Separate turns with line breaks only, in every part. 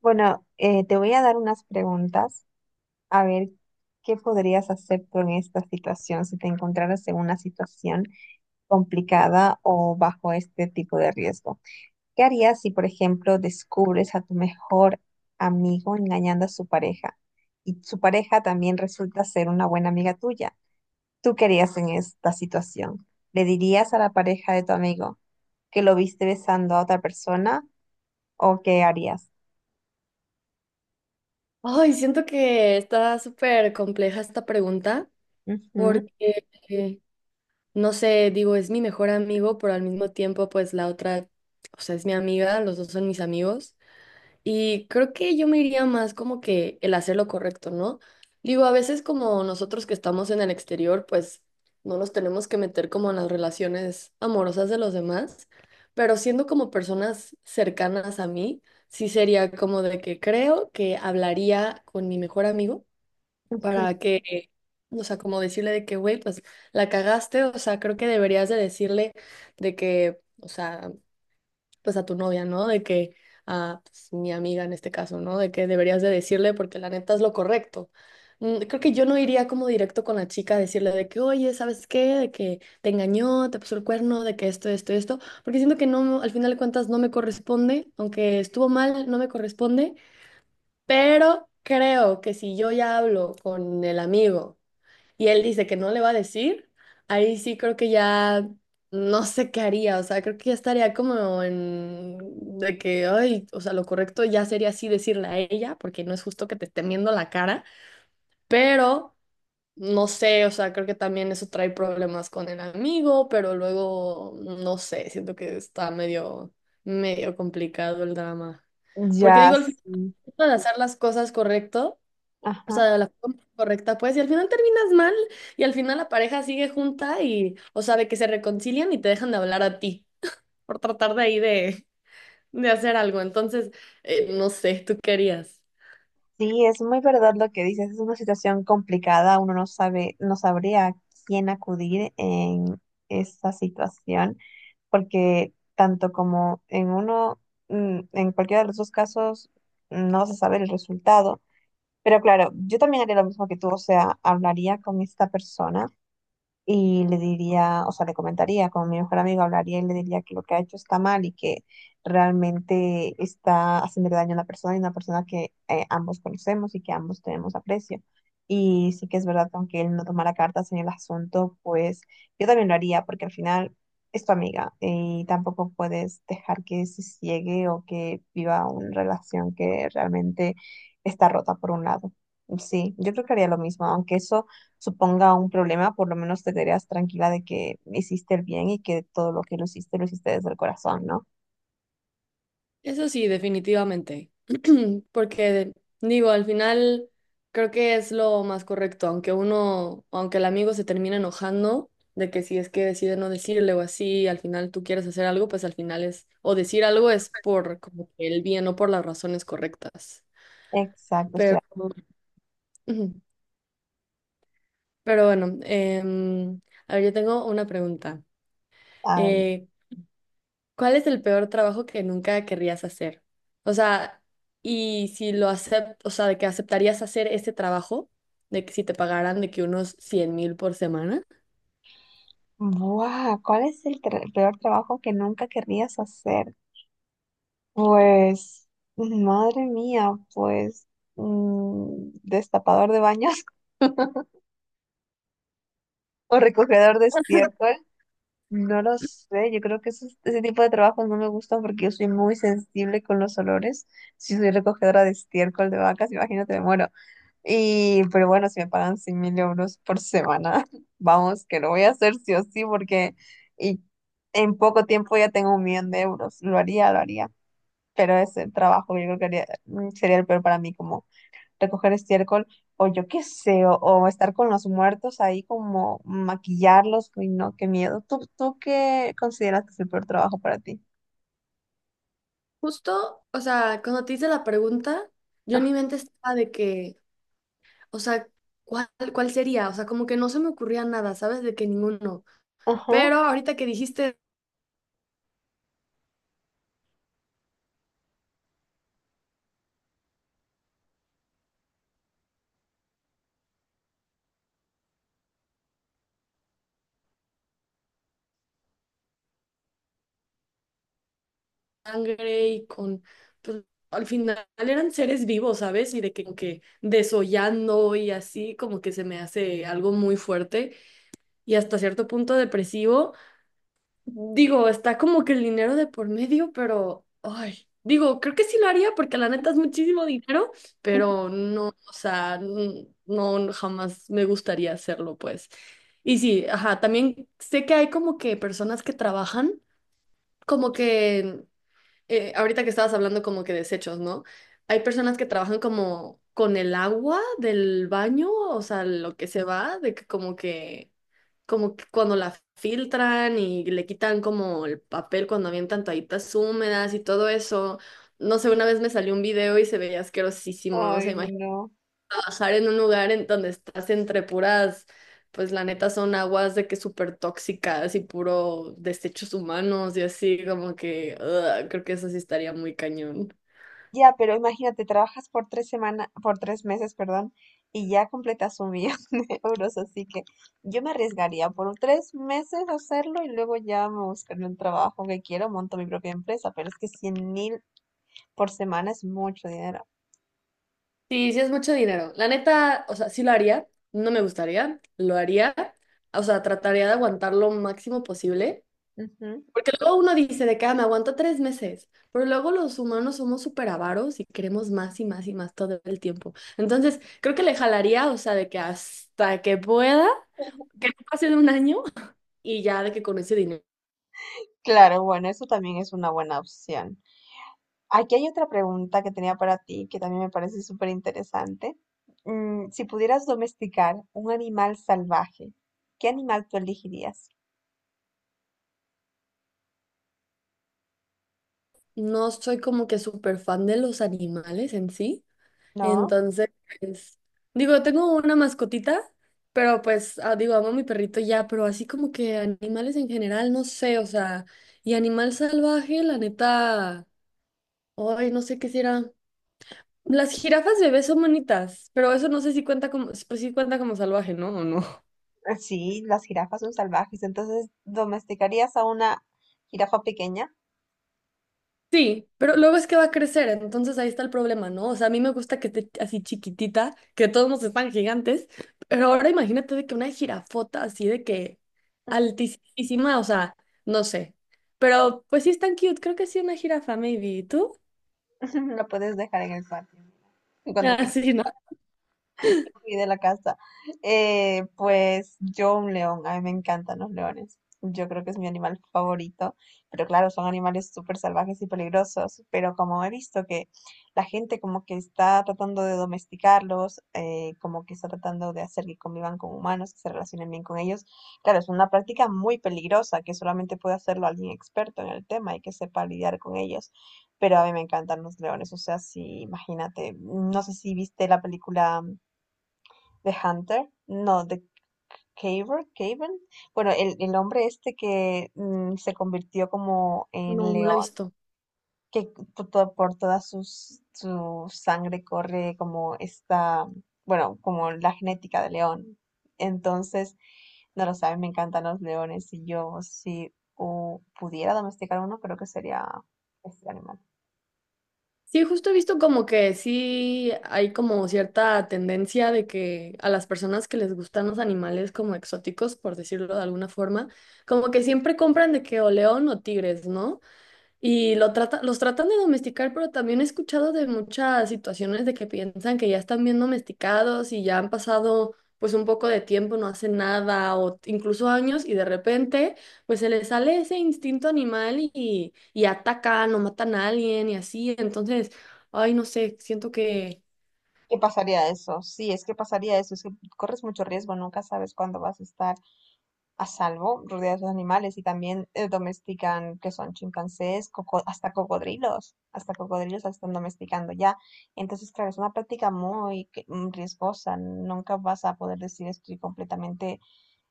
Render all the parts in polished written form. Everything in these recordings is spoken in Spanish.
Bueno, te voy a dar unas preguntas a ver qué podrías hacer tú en esta situación si te encontraras en una situación complicada o bajo este tipo de riesgo. ¿Qué harías si, por ejemplo, descubres a tu mejor amigo engañando a su pareja y su pareja también resulta ser una buena amiga tuya? ¿Tú qué harías en esta situación? ¿Le dirías a la pareja de tu amigo que lo viste besando a otra persona o qué harías?
Ay, siento que está súper compleja esta pregunta
Ujú.
porque, no sé, digo, es mi mejor amigo, pero al mismo tiempo, pues la otra, o sea, es mi amiga, los dos son mis amigos. Y creo que yo me iría más como que el hacer lo correcto, ¿no? Digo, a veces como nosotros que estamos en el exterior, pues no nos tenemos que meter como en las relaciones amorosas de los demás, pero siendo como personas cercanas a mí, sí sería como de que creo que hablaría con mi mejor amigo para que, o sea, como decirle de que, güey, pues la cagaste, o sea, creo que deberías de decirle de que, o sea, pues a tu novia, ¿no? De que, a pues, mi amiga en este caso, ¿no? De que deberías de decirle porque la neta es lo correcto. Mm. Creo que yo no iría como directo con la chica a decirle de que, oye, ¿sabes qué? De que te engañó, te puso el cuerno, de que esto, porque siento que no, al final de cuentas no me corresponde, aunque estuvo mal, no me corresponde, pero creo que si yo ya hablo con el amigo y él dice que no le va a decir, ahí sí creo que ya no sé qué haría, o sea, creo que ya estaría como en de que, ay, o sea, lo correcto ya sería así decirle a ella, porque no es justo que te esté viendo la cara, pero no sé, o sea, creo que también eso trae problemas con el amigo, pero luego, no sé, siento que está medio, medio complicado el drama. Porque
Ya,
digo, al final
sí.
de hacer las cosas correcto, o
Ajá.
sea, de la forma correcta, pues, y al final terminas mal, y al final la pareja sigue junta y, o sea, de que se reconcilian y te dejan de hablar a ti por tratar de ahí de hacer algo. Entonces, no sé, ¿tú querías?
Sí, es muy verdad lo que dices, es una situación complicada, uno no sabe, no sabría a quién acudir en esta situación, porque tanto como en uno, en cualquiera de los dos casos, no vas a saber el resultado. Pero claro, yo también haría lo mismo que tú, o sea, hablaría con esta persona y le diría, o sea, le comentaría con mi mejor amigo, hablaría y le diría que lo que ha hecho está mal y que realmente está haciéndole daño a una persona y una persona que ambos conocemos y que ambos tenemos aprecio. Y sí que es verdad que aunque él no tomara cartas en el asunto, pues yo también lo haría porque al final es tu amiga y tampoco puedes dejar que se ciegue o que viva una relación que realmente está rota por un lado. Sí, yo creo que haría lo mismo, aunque eso suponga un problema, por lo menos te quedarías tranquila de que hiciste el bien y que todo lo que lo hiciste desde el corazón, ¿no?
Eso sí, definitivamente. Porque digo, al final creo que es lo más correcto, aunque uno, aunque el amigo se termine enojando de que si es que decide no decirle o así, al final tú quieres hacer algo, pues al final es, o decir algo es por como que el bien o por las razones correctas.
Exacto, o sea,
Pero, ujú. Pero bueno, a ver, yo tengo una pregunta.
a ver,
Eh, ¿Cuál es el peor trabajo que nunca querrías hacer? O sea, y si lo aceptas, o sea, de que aceptarías hacer ese trabajo, de que si te pagaran de que unos 100.000 por semana.
¡buah! ¿Cuál es el, el peor trabajo que nunca querrías hacer? Pues, madre mía, pues, destapador de baños o recogedor de estiércol. No lo sé, yo creo que ese tipo de trabajos no me gustan porque yo soy muy sensible con los olores. Si soy recogedora de estiércol de vacas, imagínate, me muero. Y pero bueno, si me pagan 100.000 euros por semana, vamos, que lo voy a hacer sí o sí, porque y en poco tiempo ya tengo un millón de euros. Lo haría, lo haría. Pero ese trabajo yo creo que sería el peor para mí, como recoger estiércol o yo qué sé, o estar con los muertos ahí como maquillarlos, uy, no, qué miedo. ¿Tú qué consideras que es el peor trabajo para ti?
Justo, o sea, cuando te hice la pregunta, yo en
Ah.
mi mente estaba de que, o sea, ¿cuál, cuál sería? O sea, como que no se me ocurría nada, ¿sabes? De que ninguno.
Ajá.
Pero ahorita que dijiste sangre y con, pues, al final eran seres vivos, ¿sabes? Y de que, como que desollando y así, como que se me hace algo muy fuerte y hasta cierto punto depresivo. Digo, está como que el dinero de por medio, pero, ay, digo, creo que sí lo haría porque la neta es muchísimo dinero, pero no, o sea, no, jamás me gustaría hacerlo, pues. Y sí, ajá, también sé que hay como que personas que trabajan como que ahorita que estabas hablando como que desechos, ¿no? Hay personas que trabajan como con el agua del baño, o sea, lo que se va, de que como que, como que cuando la filtran y le quitan como el papel cuando avientan toallitas húmedas y todo eso. No sé, una vez me salió un video y se veía asquerosísimo, o sea,
Ay, no.
bajar en un lugar en donde estás entre puras, pues la neta son aguas de que súper tóxicas y puro desechos humanos y así, como que ugh, creo que eso sí estaría muy cañón.
Ya, pero imagínate, trabajas por tres semanas, por tres meses, perdón, y ya completas un millón de euros, así que yo me arriesgaría por tres meses a hacerlo y luego ya me buscaré un trabajo que quiero, monto mi propia empresa, pero es que 100.000 por semana es mucho dinero.
Sí, sí es mucho dinero. La neta, o sea, sí lo haría, no me gustaría, lo haría, o sea, trataría de aguantar lo máximo posible.
Ujú.
Porque luego uno dice de que: "Ah, me aguanto 3 meses", pero luego los humanos somos súper avaros y queremos más y más y más todo el tiempo. Entonces, creo que le jalaría, o sea, de que hasta que pueda que no pase de un año y ya de que con ese dinero.
Claro, bueno, eso también es una buena opción. Aquí hay otra pregunta que tenía para ti que también me parece súper interesante. Si pudieras domesticar un animal salvaje, ¿qué animal tú elegirías?
No soy como que súper fan de los animales en sí.
¿No?
Entonces, pues, digo, tengo una mascotita, pero pues, ah, digo, amo a mi perrito ya, pero así como que animales en general, no sé, o sea, y animal salvaje, la neta, ay, no sé qué será. Las jirafas bebés son bonitas, pero eso no sé si cuenta como, pues sí cuenta como salvaje, ¿no? ¿O no?
Sí, las jirafas son salvajes, entonces domesticarías a una jirafa pequeña,
Sí, pero luego es que va a crecer, entonces ahí está el problema, ¿no? O sea, a mí me gusta que esté así chiquitita, que todos nos están gigantes, pero ahora imagínate de que una jirafota así de que altísima, o sea, no sé. Pero pues sí es tan cute, creo que sí una jirafa, maybe. ¿Y tú?
la puedes dejar en el patio. Y cuando
Ah, sí, ¿no?
fui de la casa. Pues yo un león, a mí me encantan los leones. Yo creo que es mi animal favorito, pero claro, son animales súper salvajes y peligrosos, pero como he visto que la gente como que está tratando de domesticarlos, como que está tratando de hacer que convivan con humanos, que se relacionen bien con ellos, claro, es una práctica muy peligrosa que solamente puede hacerlo alguien experto en el tema y que sepa lidiar con ellos, pero a mí me encantan los leones, o sea, sí, imagínate, no sé si viste la película The Hunter, no, The Caver, Caven. Bueno, el hombre este que se convirtió como
No,
en
no la he
león,
visto.
que por toda su sangre corre como esta, bueno, como la genética de león. Entonces, no lo sabes, me encantan los leones y yo si pudiera domesticar uno, creo que sería este animal.
Sí, justo he visto como que sí hay como cierta tendencia de que a las personas que les gustan los animales como exóticos, por decirlo de alguna forma, como que siempre compran de que o león o tigres, ¿no? Y lo trata- los tratan de domesticar, pero también he escuchado de muchas situaciones de que piensan que ya están bien domesticados y ya han pasado pues un poco de tiempo, no hacen nada o incluso años y de repente pues se les sale ese instinto animal y atacan o matan a alguien y así. Entonces, ay, no sé, siento que...
¿Qué pasaría eso? Sí, es que pasaría eso, es que corres mucho riesgo, nunca sabes cuándo vas a estar a salvo, rodeados de animales, y también domestican, que son chimpancés, hasta cocodrilos la están domesticando ya. Entonces, claro, es una práctica muy riesgosa, nunca vas a poder decir estoy completamente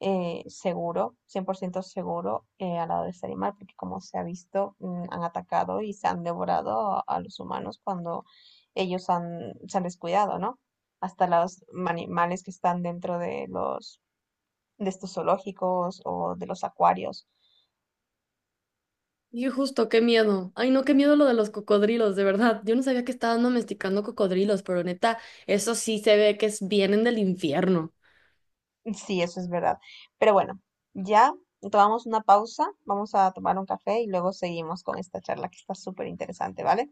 seguro, 100% seguro al lado de este animal, porque como se ha visto, han atacado y se han devorado a los humanos cuando ellos han, se han descuidado, ¿no? Hasta los animales que están dentro de los de estos zoológicos o de los acuarios.
Y justo, qué miedo. Ay, no, qué miedo lo de los cocodrilos, de verdad. Yo no sabía que estaban domesticando cocodrilos, pero neta, eso sí se ve que es, vienen del infierno.
Sí, eso es verdad. Pero bueno, ya tomamos una pausa, vamos a tomar un café y luego seguimos con esta charla que está súper interesante, ¿vale?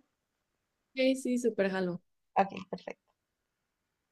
Sí, sí, súper jalo.
Ok, perfecto.